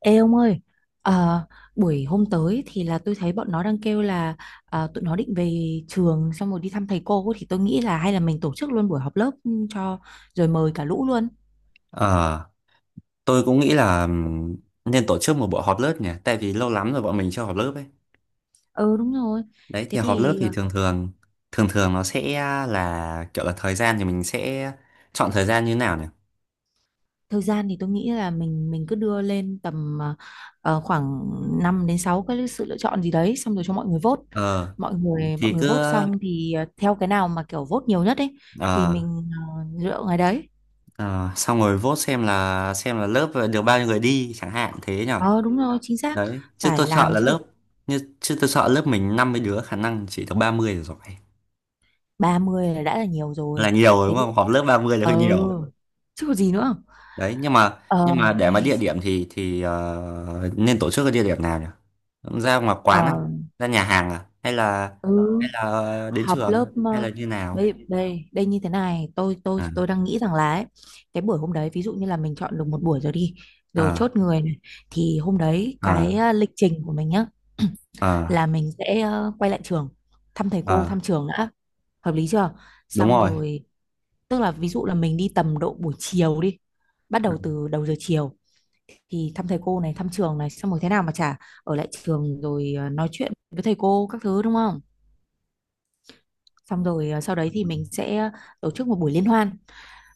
Ê ông ơi, ờ, buổi hôm tới thì là tôi thấy bọn nó đang kêu là tụi nó định về trường xong rồi đi thăm thầy cô thì tôi nghĩ là hay là mình tổ chức luôn buổi họp lớp cho rồi mời cả lũ luôn. Ờ, tôi cũng nghĩ là nên tổ chức một buổi họp lớp nhỉ, tại vì lâu lắm rồi bọn mình chưa họp lớp ấy. Ừ, đúng rồi. Đấy Thế thì họp lớp thì thì thường thường nó sẽ là kiểu là thời gian thì mình sẽ chọn thời gian như thế nào nhỉ? thời gian thì tôi nghĩ là mình cứ đưa lên tầm khoảng 5 đến 6 cái sự lựa chọn gì đấy xong rồi cho mọi người vote. Ờ Mọi người mọi thì người cứ vote xong thì theo cái nào mà kiểu vote nhiều nhất ấy thì ờ mình lựa ngày đấy. ờ, xong rồi vote xem là lớp được bao nhiêu người đi chẳng hạn thế nhỉ. Ờ, đúng rồi, chính xác. Đấy, chứ Phải tôi sợ làm chứ. Lớp mình 50 đứa khả năng chỉ được 30 là giỏi. 30 là đã là nhiều Là rồi. nhiều rồi Thế đúng thì không? Họp lớp 30 là hơi ờ nhiều. chứ có gì nữa. Đấy nhưng mà ờ nhưng mà để mà Ai, địa điểm thì nên tổ chức ở địa điểm nào nhỉ? Ra ngoài quán à? ờ Ra nhà hàng à? hay là ừ, hay là đến họp lớp. trường hay là Ờ, như nào? Đây đây đây, như thế này tôi tôi À, tôi đang nghĩ rằng là ấy, cái buổi hôm đấy ví dụ như là mình chọn được một buổi rồi đi, rồi à, chốt người này, thì hôm đấy à, cái lịch trình của mình nhá à, là mình sẽ quay lại trường, thăm thầy cô, à. thăm trường đã, hợp lý chưa? Đúng Xong rồi. rồi tức là ví dụ là mình đi tầm độ buổi chiều đi, bắt Ừ. đầu từ đầu giờ chiều thì thăm thầy cô này, thăm trường này, xong rồi thế nào mà chả ở lại trường rồi nói chuyện với thầy cô các thứ, đúng không? Xong rồi sau đấy Ừ. thì mình sẽ tổ chức một buổi liên hoan.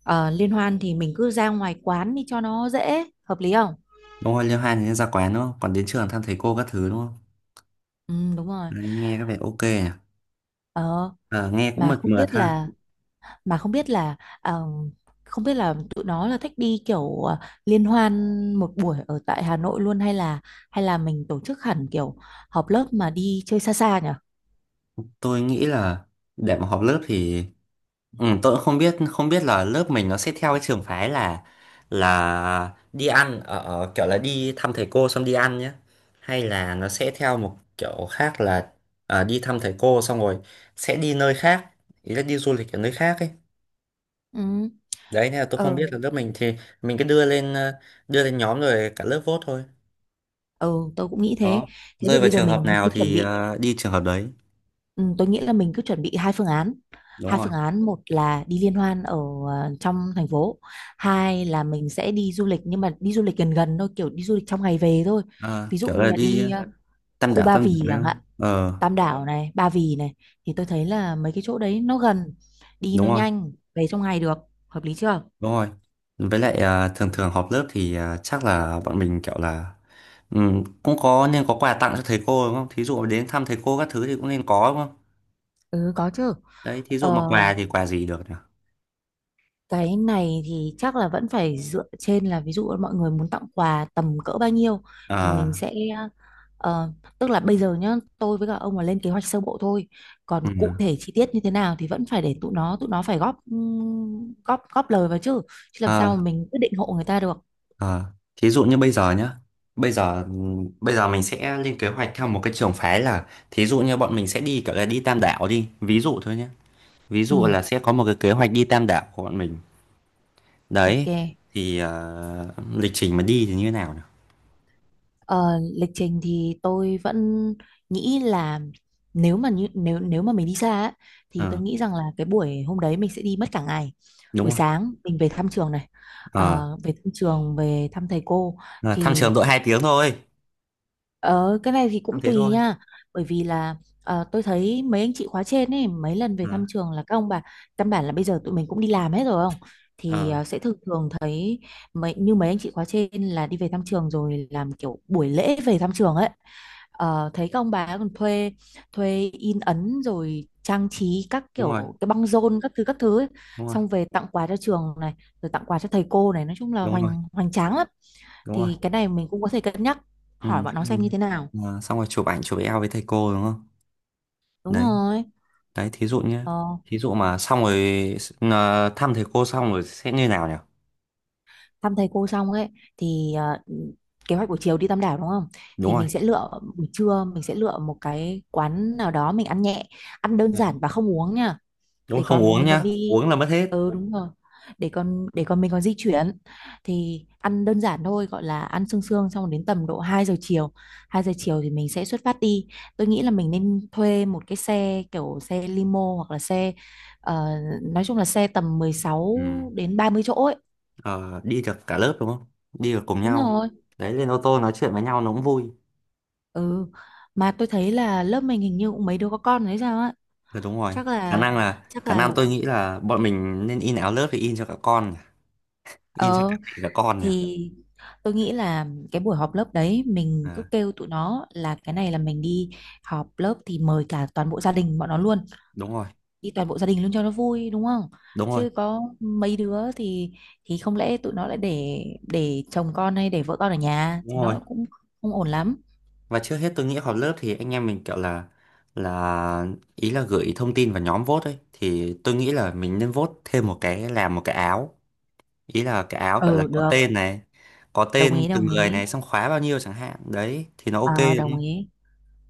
Liên hoan thì mình cứ ra ngoài quán đi cho nó dễ, hợp lý không? Đúng rồi. Liêu hai thì nên ra quán đúng không? Còn đến trường thăm thầy cô các thứ đúng không? Ừ, đúng rồi. Đấy, nghe có vẻ ok nhỉ. ờ, À, nghe cũng mà mượt không mượt biết ha. là mà không biết là ờ, tụi nó là thích đi kiểu liên hoan một buổi ở tại Hà Nội luôn, hay là mình tổ chức hẳn kiểu họp lớp mà đi chơi xa xa nhỉ. Tôi nghĩ là để mà họp lớp thì, ừ, tôi cũng không biết là lớp mình nó sẽ theo cái trường phái là đi ăn ở ở kiểu là đi thăm thầy cô xong đi ăn nhé, hay là nó sẽ theo một kiểu khác là à, đi thăm thầy cô xong rồi sẽ đi nơi khác, ý là đi du lịch ở nơi khác ấy. Đấy nên là tôi không Ừ. biết là lớp mình thì mình cứ đưa lên nhóm rồi cả lớp vote thôi. Ừ, tôi cũng nghĩ thế. Đó, Thế thì rơi vào bây giờ trường hợp mình nào cứ chuẩn thì bị, đi trường hợp đấy. ừ, tôi nghĩ là mình cứ chuẩn bị hai phương án. Đúng Hai rồi. phương án, một là đi liên hoan ở trong thành phố, hai là mình sẽ đi du lịch nhưng mà đi du lịch gần gần thôi, kiểu đi du lịch trong ngày về thôi. Ờ, Ví dụ kiểu như là là đi đi khu Ba tam đảo Vì đấy chẳng không? hạn, Ờ, Tam Đảo này, Ba Vì này, thì tôi thấy là mấy cái chỗ đấy nó gần, đi nó đúng rồi. nhanh, về trong ngày được, hợp lý chưa? Đúng rồi. Với lại à, thường thường họp lớp thì à, chắc là bọn mình kiểu là cũng có nên có quà tặng cho thầy cô đúng không? Thí dụ đến thăm thầy cô các thứ thì cũng nên có đúng không? Ừ, có chứ. Đấy, thí dụ Ờ, mà quà thì quà gì được nhỉ? Cái này thì chắc là vẫn phải dựa trên là ví dụ mọi người muốn tặng quà tầm cỡ bao nhiêu thì Ờ, mình sẽ ờ, tức là bây giờ nhá, tôi với cả ông là lên kế hoạch sơ bộ thôi, còn cụ ừm, thể chi tiết như thế nào thì vẫn phải để tụi nó phải góp góp góp lời vào chứ, chứ làm sao ờ, mà mình quyết định hộ người ta được. ờ. Thí dụ như bây giờ nhá. Bây giờ mình sẽ lên kế hoạch theo một cái trường phái là thí dụ như bọn mình sẽ đi kiểu là đi Tam Đảo đi, ví dụ thôi nhé. Ví Ừ, dụ là sẽ có một cái kế hoạch đi Tam Đảo của bọn mình. ok. Đấy, thì à, lịch trình mà đi thì như thế nào nhỉ? Ờ, Lịch trình thì tôi vẫn nghĩ là nếu mà mình đi xa á, thì tôi Ờ. nghĩ rằng là cái buổi hôm đấy mình sẽ đi mất cả ngày. Đúng Buổi rồi. sáng mình về thăm trường này, Ờ. Về thăm trường, về thăm thầy cô À, thăm thì. trường đội 2 tiếng thôi, Ờ, cái này thì thăm cũng thế tùy thôi. nha, bởi vì là tôi thấy mấy anh chị khóa trên ấy mấy lần về Ờ. thăm trường là các ông bà, căn bản là bây giờ tụi mình cũng đi làm hết rồi không, thì Ờ. Sẽ thường thường thấy mấy như mấy anh chị khóa trên là đi về thăm trường rồi làm kiểu buổi lễ về thăm trường ấy. Thấy các ông bà còn thuê, in ấn rồi trang trí các Đúng rồi. kiểu cái băng rôn các thứ ấy. Đúng rồi. Xong về tặng quà cho trường này, rồi tặng quà cho thầy cô này, nói chung là Đúng rồi. hoành hoành tráng lắm. Đúng rồi. Thì cái này mình cũng có thể cân nhắc Ừ. hỏi bọn nó Thế xem rồi. như thế nào. Ờ, xong rồi chụp ảnh chụp eo với thầy cô đúng không? Đúng Đấy. rồi. Đấy thí dụ nhé. Ờ, Thí dụ mà xong rồi thăm thầy cô xong rồi sẽ như nào nhỉ? Thăm thầy cô xong ấy thì kế hoạch buổi chiều đi Tam Đảo đúng không? Đúng Thì rồi. mình sẽ lựa Buổi trưa mình sẽ lựa một cái quán nào đó mình ăn nhẹ, ăn đơn Dạ. giản và không uống nha. Đúng Để rồi, không còn uống mình còn nhá, đi. uống là mất hết. Ừ, đúng rồi. Để còn mình còn di chuyển thì ăn đơn giản thôi, gọi là ăn sương sương, xong đến tầm độ 2 giờ chiều. 2 giờ chiều thì mình sẽ xuất phát đi. Tôi nghĩ là mình nên thuê một cái xe kiểu xe limo hoặc là xe ờ, nói chung là xe tầm mười sáu Ừ. đến ba mươi chỗ ấy. Ờ, đi được cả lớp đúng không? Đi được cùng Đúng nhau. rồi. Đấy lên ô tô nói chuyện với nhau nó cũng vui. Ừ. Mà tôi thấy là lớp mình hình như cũng mấy đứa có con đấy sao á. Ờ, đúng rồi. Chắc khả là năng là chắc khả năng là tôi nghĩ là bọn mình nên in áo lớp thì in cho cả con, in cho cả ờ mẹ cả con nhỉ. thì tôi nghĩ là cái buổi họp lớp đấy mình cứ À, kêu tụi nó là cái này là mình đi họp lớp thì mời cả toàn bộ gia đình bọn nó luôn. đúng rồi. Đi toàn bộ gia đình luôn cho nó vui đúng không? Đúng rồi. Chứ có mấy đứa thì không lẽ tụi nó lại để chồng con hay để vợ con ở nhà Đúng thì rồi. nó cũng không ổn lắm. Và trước hết tôi nghĩ họp lớp thì anh em mình kiểu là ý là gửi thông tin vào nhóm vote ấy thì tôi nghĩ là mình nên vote thêm một cái, làm một cái áo, ý là cái áo gọi là Ừ, có được, tên này, có đồng tên ý từng đồng người ý. này xong khóa bao nhiêu chẳng hạn đấy thì nó ok Ờ, đúng đồng không? ý.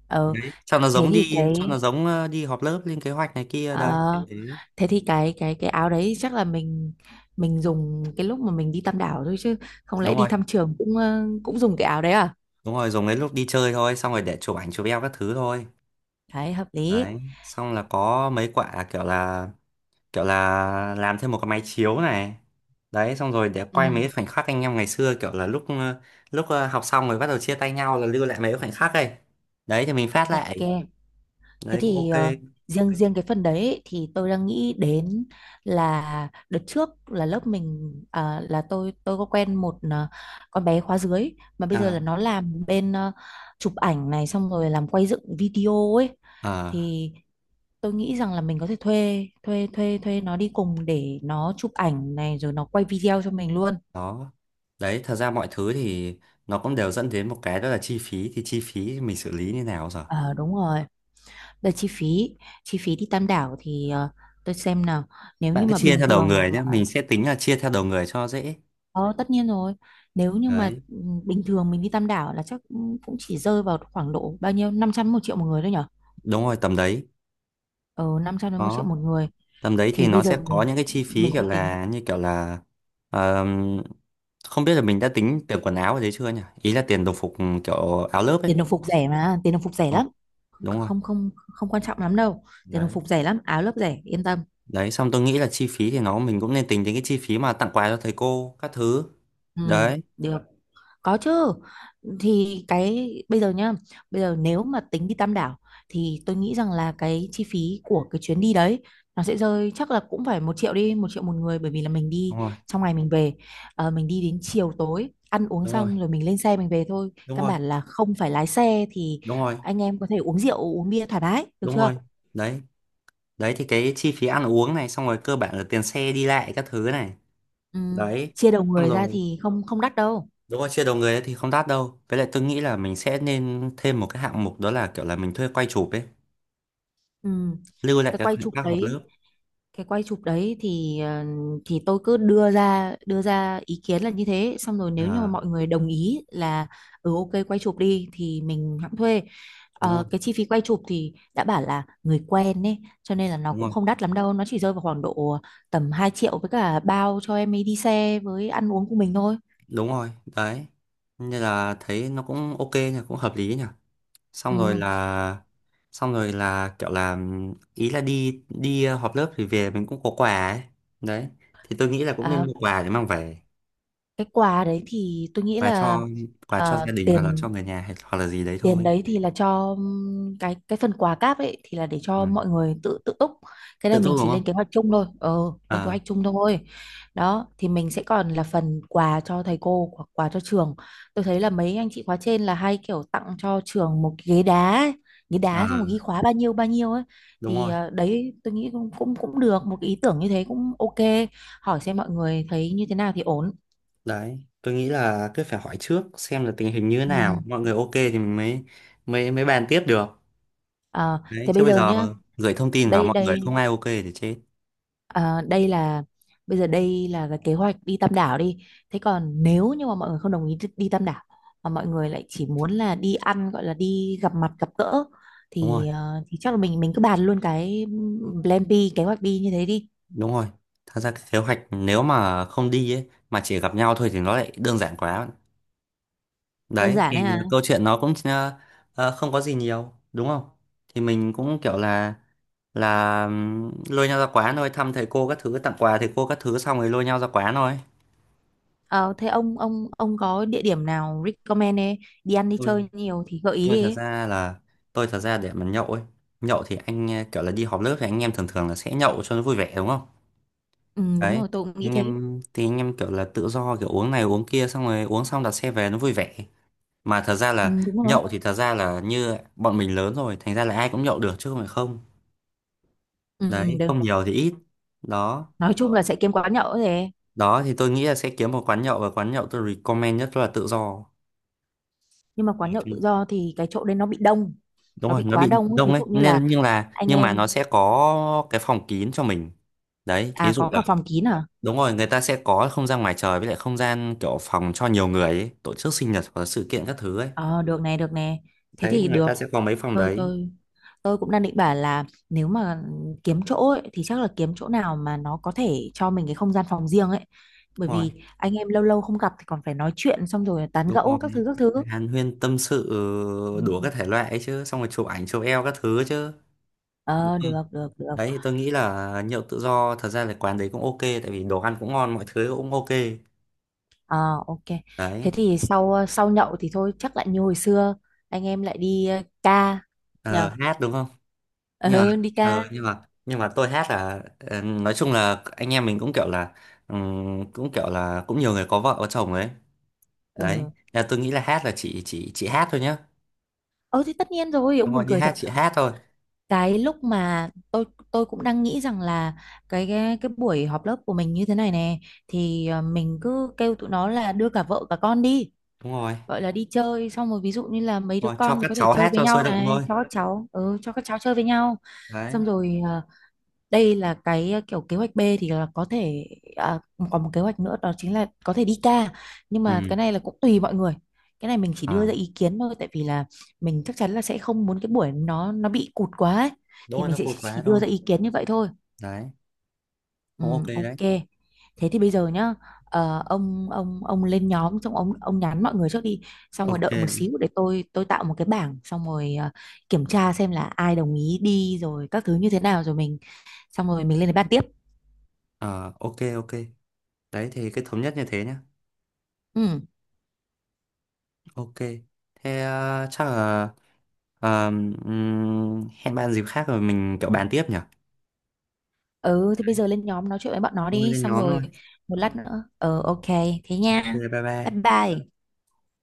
ờ Đấy cho nó thế giống thì đi, cho nó cái giống đi họp lớp lên kế hoạch này kia ờ, đấy. Thế- Thế thì cái áo đấy chắc là mình dùng cái lúc mà mình đi Tam Đảo thôi, chứ không lẽ đúng đi rồi, thăm trường cũng cũng dùng cái áo đấy à. đúng rồi, dùng đến lúc đi chơi thôi xong rồi để chụp ảnh chụp eo các thứ thôi. Đấy hợp lý. Đấy xong là có mấy quả kiểu là làm thêm một cái máy chiếu này. Đấy xong rồi để quay mấy Ừ, cái khoảnh khắc anh em ngày xưa kiểu là lúc học xong rồi bắt đầu chia tay nhau là lưu lại mấy cái khoảnh khắc ấy. Đấy thì mình phát ok. lại. Thế Đấy cũng thì ok. Riêng riêng cái phần đấy ấy, thì tôi đang nghĩ đến là đợt trước là lớp mình, à, là tôi có quen một con bé khóa dưới mà bây giờ là À, nó làm bên chụp ảnh này xong rồi làm quay dựng video ấy, à, thì tôi nghĩ rằng là mình có thể thuê thuê thuê thuê nó đi cùng để nó chụp ảnh này rồi nó quay video cho mình luôn. đó. Đấy thật ra mọi thứ thì nó cũng đều dẫn đến một cái, đó là chi phí thì chi phí mình xử lý như nào giờ? Ờ, đúng rồi. Về chi phí đi Tam Đảo thì tôi xem nào, nếu Bạn như cứ mà chia bình theo đầu thường người nhé, mà mình sẽ tính là chia theo đầu người cho dễ. ờ, tất nhiên rồi, nếu như mà Đấy, ừ, bình thường mình đi Tam Đảo là chắc cũng cũng chỉ rơi vào khoảng độ bao nhiêu 500 một triệu một người thôi nhở? đúng rồi tầm đấy. Ờ Năm trăm đến một triệu Đó, một người, tầm đấy thì thì bây nó giờ sẽ có mình những cái chi phí mình kiểu cứ tính. là, như kiểu là ờm, không biết là mình đã tính tiền quần áo ở đấy chưa nhỉ, ý là tiền đồng phục, ừ, kiểu áo lớp ấy. Tiền đồng phục rẻ mà, tiền đồng phục rẻ Ờ, lắm, không đúng rồi. không không không quan trọng lắm đâu. Tiền đồng Đấy. phục rẻ lắm, áo lớp rẻ, yên tâm. Đấy xong tôi nghĩ là chi phí thì nó mình cũng nên tính đến cái chi phí mà tặng quà cho thầy cô các thứ. Ừ, Đấy. được. Có chứ. Thì cái bây giờ nhá, bây giờ nếu mà tính đi Tam Đảo thì tôi nghĩ rằng là cái chi phí của cái chuyến đi đấy nó sẽ rơi chắc là cũng phải một triệu đi, một triệu một người, bởi vì là mình đi Đúng rồi. trong ngày mình về. Ờ, mình đi đến chiều tối ăn uống Đúng rồi. xong rồi mình lên xe mình về thôi. Đúng Căn rồi. bản là không phải lái xe thì Đúng rồi. anh em có thể uống rượu, uống bia thoải mái, được Đúng chưa? rồi. Đấy. Đấy thì cái chi phí ăn uống này xong rồi cơ bản là tiền xe đi lại các thứ này. Ừ, Đấy chia đầu xong người ra rồi. thì không không đắt đâu. Đúng rồi, chia đầu người ấy thì không đắt đâu. Với lại tôi nghĩ là mình sẽ nên thêm một cái hạng mục đó là kiểu là mình thuê quay chụp ấy, Ừ. lưu lại Cái các quay khoảnh chụp khắc họp đấy lớp. cái quay chụp đấy thì thì tôi cứ đưa ra ý kiến là như thế, xong rồi nếu như mà À, mọi người đồng ý là ừ ok quay chụp đi thì mình hãng thuê. đúng rồi, Cái chi phí quay chụp thì đã bảo là người quen ấy, cho nên là nó đúng cũng rồi, không đắt lắm đâu, nó chỉ rơi vào khoảng độ tầm 2 triệu với cả bao cho em ấy đi xe với ăn uống của mình thôi. đúng rồi, đấy. Nên là thấy nó cũng ok nhỉ, cũng hợp lý nhỉ. Ừ. Xong rồi là, xong rồi là kiểu là, ý là đi đi ờ, họp lớp thì về mình cũng có quà ấy. Đấy, thì tôi nghĩ là cũng nên À, mua quà để mang về, cái quà đấy thì tôi nghĩ quà là cho quà cho gia đình hoặc là cho tiền người nhà, hay- hoặc là gì đấy tiền thôi. đấy thì là cho cái phần quà cáp ấy thì là để Ừ. cho mọi người tự tự túc. Cái này Tự mình túc đúng chỉ lên không? kế hoạch chung thôi. Ờ Lên kế À, hoạch chung thôi. Đó thì mình sẽ còn là phần quà cho thầy cô hoặc quà cho trường. Tôi thấy là mấy anh chị khóa trên là hay kiểu tặng cho trường một cái ghế đá ấy. Ghế à, đá xong rồi ghi khóa bao nhiêu ấy, đúng thì rồi. Đấy tôi nghĩ cũng cũng cũng được, một cái ý tưởng như thế cũng ok. Hỏi xem mọi người thấy như thế nào thì ổn. Đấy, tôi nghĩ là cứ phải hỏi trước xem là tình hình như thế nào, Ừ. mọi người ok thì mình mới mới mới bàn tiếp được. Ờ, Đấy, thế chứ bây bây giờ giờ mà nhá. gửi thông tin vào Đây mọi người đây. không ai ok thì chết. Ờ, đây là bây giờ đây là cái kế hoạch đi Tam Đảo đi. Thế còn Ừ. nếu như mà mọi người không đồng ý đi, đi Tam Đảo mà mọi người lại chỉ muốn là đi ăn, gọi là đi gặp mặt gặp gỡ, Đúng rồi, thì thì chắc là mình cứ bàn luôn cái plan B, kế hoạch đi như thế đi. đúng rồi. Thật ra cái kế hoạch nếu mà không đi ấy mà chỉ gặp nhau thôi thì nó lại đơn giản quá. Đơn Đấy, giản thì đấy à. câu chuyện nó cũng không có gì nhiều, đúng không? Thì mình cũng kiểu là lôi nhau ra quán thôi, thăm thầy cô các thứ, tặng quà thầy cô các thứ xong rồi lôi nhau ra quán thôi. Ờ, thế ông có địa điểm nào recommend ấy, đi ăn đi Ui. chơi nhiều thì gợi ý Tôi đi. thật Ấy. ra là tôi thật ra để mà nhậu ấy, nhậu thì anh kiểu là đi họp lớp thì anh em thường thường là sẽ nhậu cho nó vui vẻ đúng không? Ừ, đúng Đấy, rồi, tôi cũng nghĩ anh thế. em thì anh em kiểu là tự do kiểu uống này uống kia xong rồi uống xong đặt xe về nó vui vẻ. Mà thật ra Ừ, là đúng rồi. nhậu thì thật ra là như bọn mình lớn rồi thành ra là ai cũng nhậu được chứ không phải không. Ừ, Đấy được. không nhiều thì ít. Đó. Nói chung là sẽ kiếm quán nhậu rồi. Đó thì tôi nghĩ là sẽ kiếm một quán nhậu và quán nhậu tôi recommend nhất là tự do. Nhưng mà quán nhậu tự do thì cái chỗ đấy nó bị đông, Đúng nó rồi bị nó quá bị đông ấy. đông Ví đấy dụ như là nên, nhưng là anh nhưng mà nó em. sẽ có cái phòng kín cho mình. Đấy thí À, dụ có là cả phòng kín à? đúng rồi, người ta sẽ có không gian ngoài trời với lại không gian kiểu phòng cho nhiều người ấy, tổ chức sinh nhật hoặc là sự kiện các thứ ấy. Ờ, được nè, được nè, thế Đấy thì người được. ta sẽ có mấy phòng tôi đấy. tôi tôi cũng đang định bảo là nếu mà kiếm chỗ ấy, thì chắc là kiếm chỗ nào mà nó có thể cho mình cái không gian phòng riêng ấy, bởi Đúng rồi. vì anh em lâu lâu không gặp thì còn phải nói chuyện xong rồi tán Đúng rồi. gẫu các thứ các thứ. Hàn huyên tâm sự Ừ. đủ các thể loại ấy chứ, xong rồi chụp ảnh chụp eo các thứ chứ, đúng Ờ, không? được được được. Đấy thì tôi nghĩ là nhậu tự do thật ra là quán đấy cũng ok tại vì đồ ăn cũng ngon mọi thứ cũng ok. Ờ, ok. Thế Đấy. thì sau sau nhậu thì thôi chắc lại như hồi xưa, anh em lại đi ca nhỉ? Ờ, hát đúng không? nhưng mà Ờ, đi ca. ờ, nhưng mà nhưng mà tôi hát là nói chung là anh em mình cũng kiểu là cũng kiểu là cũng nhiều người có vợ có chồng ấy. ờ, Đấy là tôi nghĩ là hát là chị hát thôi nhá. ờ thì tất nhiên rồi, ông Đúng buồn rồi đi cười hát thật. chị hát thôi. Cái lúc mà tôi cũng đang nghĩ rằng là cái buổi họp lớp của mình như thế này nè thì mình cứ kêu tụi nó là đưa cả vợ cả con đi, Đúng rồi. gọi là đi chơi, xong rồi ví dụ như là mấy Đúng đứa rồi cho con thì các có thể cháu chơi hát với cho nhau sôi động này thôi. cho các cháu, ừ, cho các cháu chơi với nhau, Đấy. xong rồi đây là cái kiểu kế hoạch B thì là có thể. À, còn một kế hoạch nữa đó chính là có thể đi ca, nhưng mà cái Ừ. này là cũng tùy mọi người. Cái này mình chỉ đưa ra À. ý kiến thôi tại vì là mình chắc chắn là sẽ không muốn cái buổi nó bị cụt quá ấy. Đúng Thì rồi mình nó sẽ cụt quá chỉ đưa thôi. ra ý kiến như vậy thôi. Đấy Ừ, cũng ok. Đấy ok. Thế thì bây giờ nhá, ông lên nhóm xong ông nhắn mọi người trước đi, xong rồi đợi một ok. xíu để tôi tạo một cái bảng, xong rồi kiểm tra xem là ai đồng ý đi rồi các thứ như thế nào rồi mình, xong rồi mình lên để bàn tiếp. Ờ, ok ok. Đấy thì cái thống nhất như thế nhá. Ừ. Ok. Thế chắc là ờ, hẹn bạn dịp khác rồi mình kiểu bàn tiếp nhỉ. Ừ, thì bây giờ lên nhóm nói chuyện với bọn nó Thôi đi, lên xong nhóm thôi. rồi một lát nữa. Ừ, ok. Thế nha. Ok. Bye Bye bye. bye.